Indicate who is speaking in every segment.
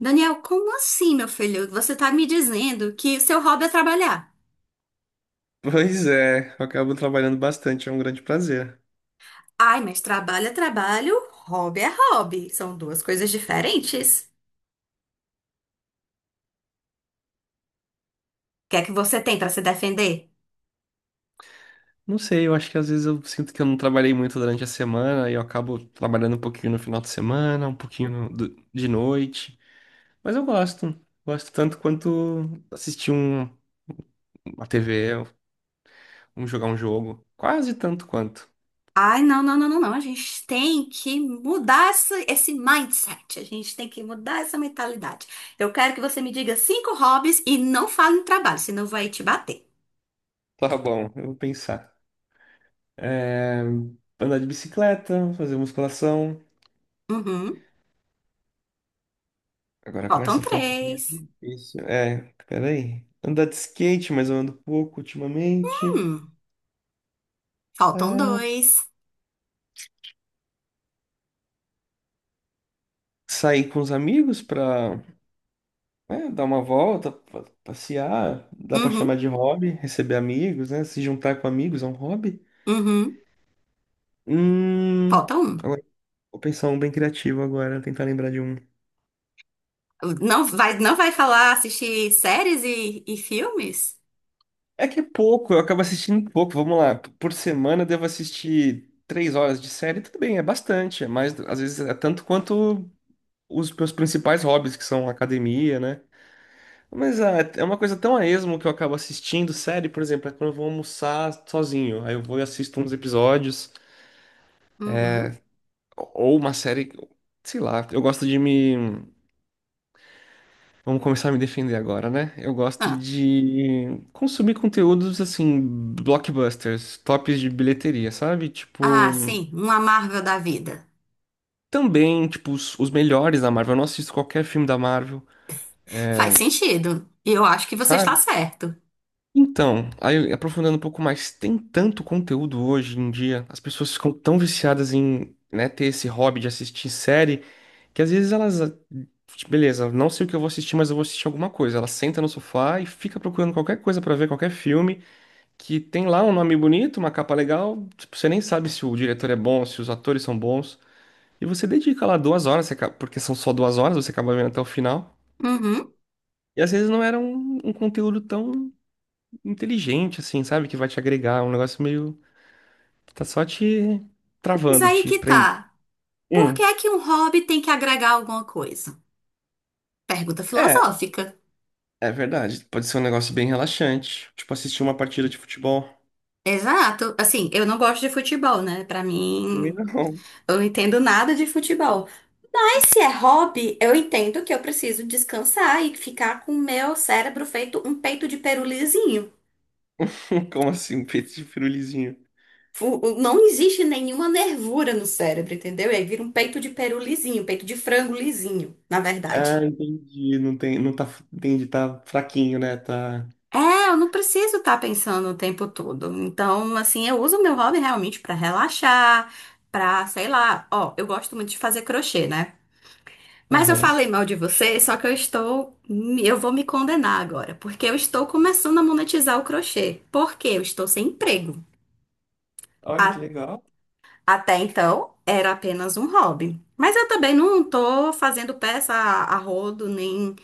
Speaker 1: Daniel, como assim, meu filho? Você tá me dizendo que seu hobby é trabalhar?
Speaker 2: Pois é, eu acabo trabalhando bastante, é um grande prazer.
Speaker 1: Ai, mas trabalho é trabalho, hobby é hobby. São duas coisas diferentes. O que é que você tem pra se defender?
Speaker 2: Não sei, eu acho que às vezes eu sinto que eu não trabalhei muito durante a semana e eu acabo trabalhando um pouquinho no final de semana, um pouquinho de noite. Mas eu gosto, gosto tanto quanto assistir uma TV, jogar um jogo, quase tanto quanto.
Speaker 1: Ai, não, não, não, não, não. A gente tem que mudar esse mindset. A gente tem que mudar essa mentalidade. Eu quero que você me diga cinco hobbies e não fale em trabalho, senão vai te bater.
Speaker 2: Tá bom, eu vou pensar. É, andar de bicicleta, fazer musculação.
Speaker 1: Uhum.
Speaker 2: Agora
Speaker 1: Faltam
Speaker 2: começa a ficar um pouco mais
Speaker 1: três.
Speaker 2: difícil. É, peraí. Andar de skate, mas eu ando pouco ultimamente.
Speaker 1: Hum. Faltam dois.
Speaker 2: Sair com os amigos pra, né, dar uma volta, passear, dá pra chamar
Speaker 1: Uhum.
Speaker 2: de hobby, receber amigos, né? Se juntar com amigos é um hobby.
Speaker 1: Uhum.
Speaker 2: Hum,
Speaker 1: Falta um.
Speaker 2: agora vou pensar um bem criativo agora, tentar lembrar de um.
Speaker 1: Não vai, não vai falar assistir séries e filmes?
Speaker 2: É que é pouco, eu acabo assistindo pouco, vamos lá. Por semana eu devo assistir 3 horas de série, tudo bem, é bastante, mas às vezes é tanto quanto os meus principais hobbies, que são academia, né? Mas ah, é uma coisa tão a esmo que eu acabo assistindo série, por exemplo, é quando eu vou almoçar sozinho. Aí eu vou e assisto uns episódios,
Speaker 1: Uhum.
Speaker 2: ou uma série, sei lá. Eu gosto de me. Vamos começar a me defender agora, né? Eu gosto
Speaker 1: Ah,
Speaker 2: de consumir conteúdos assim, blockbusters, tops de bilheteria, sabe? Tipo,
Speaker 1: sim, uma Marvel da vida.
Speaker 2: também, tipo, os melhores da Marvel. Eu não assisto qualquer filme da Marvel.
Speaker 1: Faz sentido. E eu acho que você está
Speaker 2: Sabe?
Speaker 1: certo.
Speaker 2: Então, aí aprofundando um pouco mais, tem tanto conteúdo hoje em dia, as pessoas ficam tão viciadas em, né, ter esse hobby de assistir série, que às vezes elas, tipo, beleza, não sei o que eu vou assistir, mas eu vou assistir alguma coisa. Ela senta no sofá e fica procurando qualquer coisa pra ver, qualquer filme, que tem lá um nome bonito, uma capa legal, tipo, você nem sabe se o diretor é bom, se os atores são bons, e você dedica lá 2 horas, você porque são só 2 horas, você acaba vendo até o final.
Speaker 1: Uhum.
Speaker 2: E às vezes não era um conteúdo tão inteligente, assim, sabe? Que vai te agregar. Um negócio meio. Que tá só te
Speaker 1: Mas
Speaker 2: travando,
Speaker 1: aí
Speaker 2: te
Speaker 1: que
Speaker 2: prendendo.
Speaker 1: tá. Por que
Speaker 2: Hum.
Speaker 1: é que um hobby tem que agregar alguma coisa? Pergunta
Speaker 2: É,
Speaker 1: filosófica.
Speaker 2: é verdade. Pode ser um negócio bem relaxante. Tipo, assistir uma partida de futebol.
Speaker 1: Exato. Assim, eu não gosto de futebol, né? Pra
Speaker 2: Também
Speaker 1: mim,
Speaker 2: não.
Speaker 1: eu não entendo nada de futebol. Mas se é hobby, eu entendo que eu preciso descansar e ficar com o meu cérebro feito um peito de peru lisinho.
Speaker 2: Como assim, um peito de pirulizinho?
Speaker 1: Não existe nenhuma nervura no cérebro, entendeu? E aí vira um peito de peru lisinho, peito de frango lisinho, na verdade.
Speaker 2: Ah, entendi. Não tem, não tá, entendi, tá fraquinho, né? Tá.
Speaker 1: É, eu não preciso estar pensando o tempo todo. Então, assim, eu uso o meu hobby realmente pra relaxar, pra, sei lá, ó, eu gosto muito de fazer crochê, né? Mas eu
Speaker 2: Aham.
Speaker 1: falei mal de você, só que eu estou, eu vou me condenar agora, porque eu estou começando a monetizar o crochê. Porque eu estou sem emprego.
Speaker 2: Olha que legal.
Speaker 1: Até então, era apenas um hobby. Mas eu também não tô fazendo peça a rodo, nem,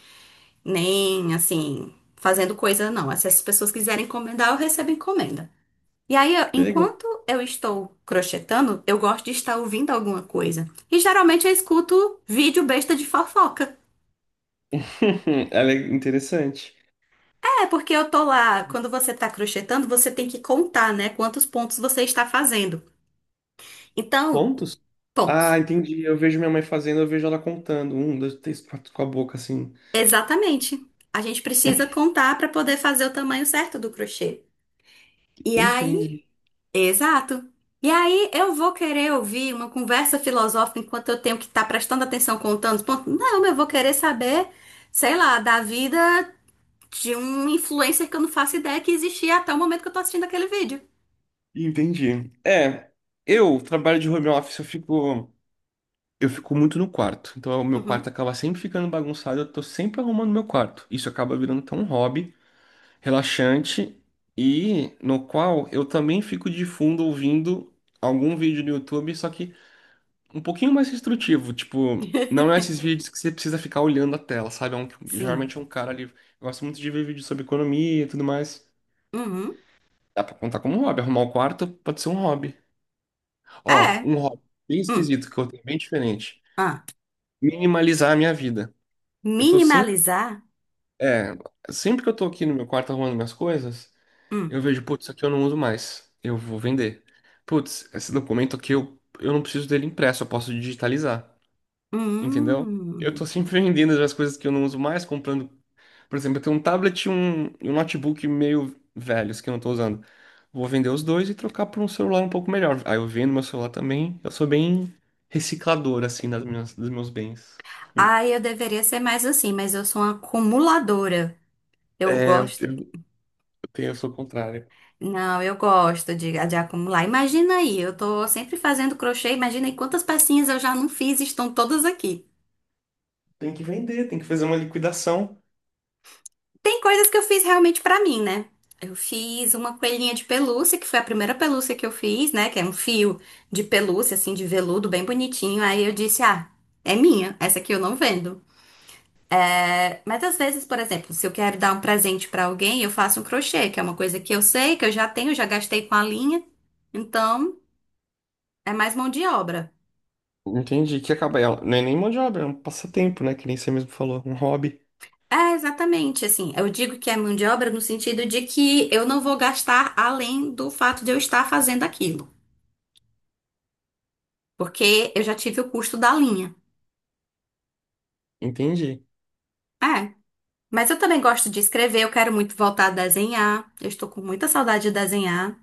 Speaker 1: nem assim, fazendo coisa, não. Se as pessoas quiserem encomendar, eu recebo encomenda. E aí,
Speaker 2: Que legal.
Speaker 1: enquanto eu estou crochetando, eu gosto de estar ouvindo alguma coisa. E geralmente eu escuto vídeo besta de fofoca.
Speaker 2: Ela é interessante.
Speaker 1: É, porque eu tô lá, quando você tá crochetando, você tem que contar, né, quantos pontos você está fazendo. Então,
Speaker 2: Pontos? Ah,
Speaker 1: pontos.
Speaker 2: entendi. Eu vejo minha mãe fazendo, eu vejo ela contando. Um, dois, três, quatro com a boca assim.
Speaker 1: Exatamente. A gente precisa contar para poder fazer o tamanho certo do crochê. E
Speaker 2: Entendi.
Speaker 1: aí, exato. E aí, eu vou querer ouvir uma conversa filosófica enquanto eu tenho que estar prestando atenção contando os pontos? Não, eu vou querer saber, sei lá, da vida de um influencer que eu não faço ideia que existia até o momento que eu tô assistindo aquele vídeo.
Speaker 2: Entendi. É, eu trabalho de home office, eu fico muito no quarto. Então, o meu quarto
Speaker 1: Uhum.
Speaker 2: acaba sempre ficando bagunçado, eu tô sempre arrumando meu quarto. Isso acaba virando até um hobby relaxante e no qual eu também fico de fundo ouvindo algum vídeo no YouTube, só que um pouquinho mais instrutivo, tipo, não é esses vídeos que você precisa ficar olhando a tela, sabe? É um,
Speaker 1: Sim.
Speaker 2: geralmente é um cara ali, eu gosto muito de ver vídeos sobre economia e tudo mais.
Speaker 1: Uhum.
Speaker 2: Dá pra contar como um hobby, arrumar o quarto pode ser um hobby. Ó,
Speaker 1: É.
Speaker 2: um hobby bem
Speaker 1: Hum.
Speaker 2: esquisito que eu tenho, bem diferente.
Speaker 1: Ah.
Speaker 2: Minimalizar a minha vida. Eu tô sempre,
Speaker 1: Minimalizar?
Speaker 2: é, sempre que eu tô aqui no meu quarto arrumando minhas coisas, eu
Speaker 1: Hum.
Speaker 2: vejo, putz, isso aqui eu não uso mais. Eu vou vender. Putz, esse documento aqui eu não preciso dele impresso, eu posso digitalizar. Entendeu? Eu
Speaker 1: Hum.
Speaker 2: tô sempre vendendo as coisas que eu não uso mais, comprando. Por exemplo, eu tenho um tablet e um notebook meio velhos que eu não tô usando. Vou vender os dois e trocar por um celular um pouco melhor. Aí eu vendo meu celular também. Eu sou bem reciclador, assim, das minhas, dos meus bens.
Speaker 1: Ah, eu deveria ser mais assim, mas eu sou uma acumuladora. Eu
Speaker 2: É, eu
Speaker 1: gosto.
Speaker 2: tenho, eu sou o contrário.
Speaker 1: Não, eu gosto de acumular. Imagina aí, eu tô sempre fazendo crochê, imagina aí quantas pecinhas eu já não fiz e estão todas aqui.
Speaker 2: Tem que vender, tem que fazer uma liquidação.
Speaker 1: Tem coisas que eu fiz realmente pra mim, né? Eu fiz uma coelhinha de pelúcia, que foi a primeira pelúcia que eu fiz, né? Que é um fio de pelúcia, assim, de veludo, bem bonitinho. Aí eu disse, ah, é minha, essa aqui eu não vendo. Mas às vezes, por exemplo, se eu quero dar um presente pra alguém, eu faço um crochê, que é uma coisa que eu sei, que eu já tenho, já gastei com a linha. Então, é mais mão de obra.
Speaker 2: Entendi, que acaba ela. Não é nem mão de obra, é um passatempo, né? Que nem você mesmo falou, um hobby.
Speaker 1: É, exatamente, assim, eu digo que é mão de obra no sentido de que eu não vou gastar além do fato de eu estar fazendo aquilo, porque eu já tive o custo da linha.
Speaker 2: Entendi.
Speaker 1: É, mas eu também gosto de escrever, eu quero muito voltar a desenhar, eu estou com muita saudade de desenhar.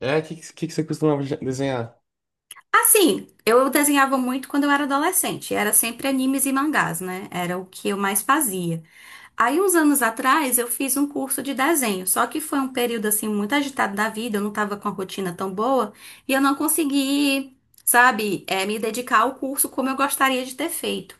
Speaker 2: É, o que você costumava desenhar?
Speaker 1: Assim, eu desenhava muito quando eu era adolescente. Era sempre animes e mangás, né? Era o que eu mais fazia. Aí, uns anos atrás, eu fiz um curso de desenho. Só que foi um período, assim, muito agitado da vida. Eu não tava com a rotina tão boa. E eu não consegui, sabe, me dedicar ao curso como eu gostaria de ter feito.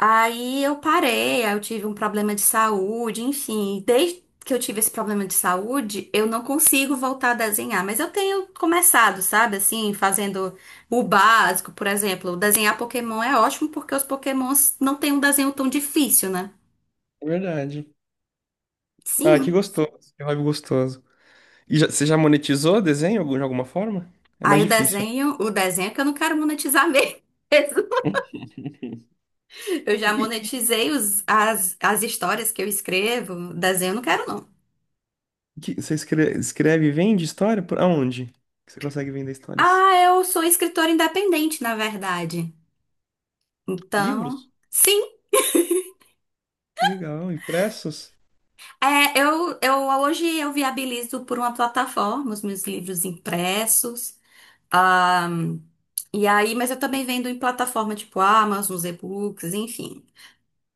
Speaker 1: Aí eu parei, aí eu tive um problema de saúde, enfim. Desde que eu tive esse problema de saúde, eu não consigo voltar a desenhar, mas eu tenho começado, sabe, assim, fazendo o básico, por exemplo. Desenhar Pokémon é ótimo porque os Pokémons não têm um desenho tão difícil, né?
Speaker 2: É verdade. Ah, que
Speaker 1: Sim.
Speaker 2: gostoso, que hobby gostoso. Você já monetizou desenho de alguma forma? É mais
Speaker 1: Aí
Speaker 2: difícil, né?
Speaker 1: o desenho é que eu não quero monetizar mesmo. Eu já
Speaker 2: E,
Speaker 1: monetizei as histórias que eu escrevo, desenho eu não quero não.
Speaker 2: você escreve e vende história? Por aonde? Que você consegue vender histórias?
Speaker 1: Ah, eu sou escritora independente, na verdade. Então,
Speaker 2: Livros?
Speaker 1: sim,
Speaker 2: Que legal. Impressos?
Speaker 1: é, eu hoje eu viabilizo por uma plataforma os meus livros impressos. ahm, e aí, mas eu também vendo em plataforma tipo Amazon, os e-books, enfim.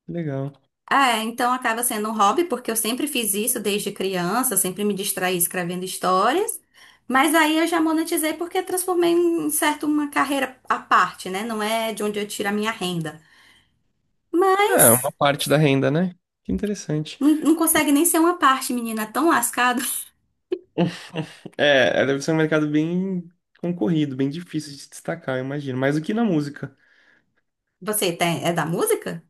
Speaker 2: Que legal.
Speaker 1: É, então acaba sendo um hobby, porque eu sempre fiz isso desde criança, sempre me distraí escrevendo histórias. Mas aí eu já monetizei porque transformei em um certo uma carreira à parte, né? Não é de onde eu tiro a minha renda.
Speaker 2: É,
Speaker 1: Mas
Speaker 2: uma parte da renda, né? Que interessante.
Speaker 1: não, não
Speaker 2: E-
Speaker 1: consegue nem ser uma parte, menina, é tão lascado.
Speaker 2: É, deve ser um mercado bem concorrido, bem difícil de se destacar, eu imagino. Mais do que na música.
Speaker 1: Você tem, é da música?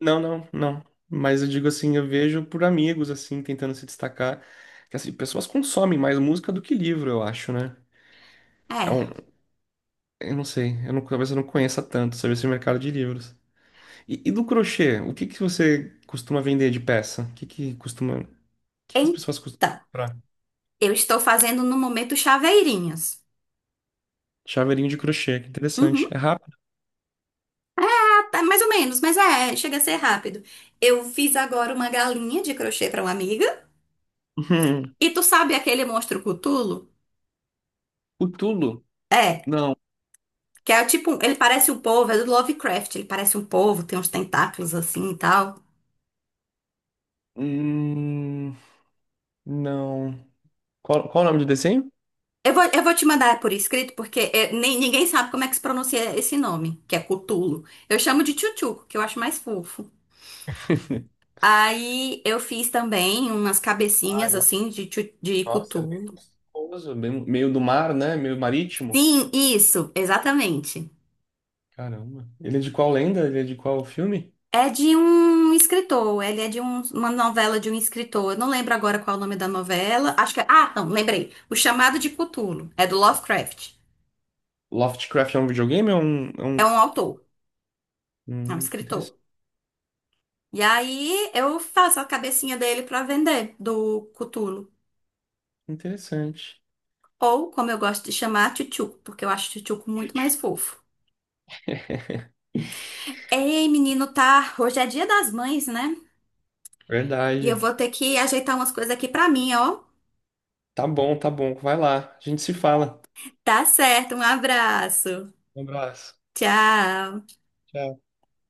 Speaker 2: Não, não, não. Mas eu digo assim, eu vejo por amigos, assim, tentando se destacar. Que, assim, pessoas consomem mais música do que livro, eu acho, né? É
Speaker 1: É.
Speaker 2: um, eu não sei, eu não, talvez eu não conheça tanto sobre esse mercado de livros. E do crochê, o que que você costuma vender de peça? O que que costuma, o que que as pessoas costumam
Speaker 1: Então,
Speaker 2: comprar?
Speaker 1: eu estou fazendo no momento chaveirinhos.
Speaker 2: Chaveirinho de crochê, que interessante.
Speaker 1: Uhum,
Speaker 2: É rápido?
Speaker 1: ah, tá, mais ou menos, mas é, chega a ser rápido. Eu fiz agora uma galinha de crochê para uma amiga.
Speaker 2: Uhum.
Speaker 1: E tu sabe aquele monstro Cthulhu?
Speaker 2: O Tulo?
Speaker 1: É,
Speaker 2: Não.
Speaker 1: que é tipo, ele parece um povo, é do Lovecraft, ele parece um povo, tem uns tentáculos assim e tal.
Speaker 2: Hum, não. Qual o nome do desenho?
Speaker 1: Eu vou te mandar por escrito, porque é, ninguém sabe como é que se pronuncia esse nome, que é Cthulhu. Eu chamo de Tchutchuco, que eu acho mais fofo. Aí eu fiz também umas
Speaker 2: Ah,
Speaker 1: cabecinhas assim de, de
Speaker 2: nossa, é bem
Speaker 1: cutulo.
Speaker 2: gostoso, meio do mar, né? Meio marítimo.
Speaker 1: Sim, isso, exatamente.
Speaker 2: Caramba. Ele é de qual lenda? Ele é de qual filme?
Speaker 1: É de um escritor, ele é de uma novela de um escritor. Eu não lembro agora qual é o nome da novela. Acho que é. Ah, não, lembrei. O Chamado de Cutulo é do Lovecraft.
Speaker 2: Lovecraft é um videogame? É um, é
Speaker 1: É
Speaker 2: um...
Speaker 1: um autor, é um
Speaker 2: Que
Speaker 1: escritor. E aí eu faço a cabecinha dele pra vender do Cutulo.
Speaker 2: interessante.
Speaker 1: Ou, como eu gosto de chamar, Tchutchuco, porque eu acho Tchutchuco muito mais fofo. Ei, menino, tá? Hoje é dia das mães, né? E eu
Speaker 2: Verdade.
Speaker 1: vou ter que ajeitar umas coisas aqui pra mim, ó.
Speaker 2: Tá bom, tá bom. Vai lá. A gente se fala.
Speaker 1: Tá certo, um abraço.
Speaker 2: Um abraço.
Speaker 1: Tchau.
Speaker 2: Tchau.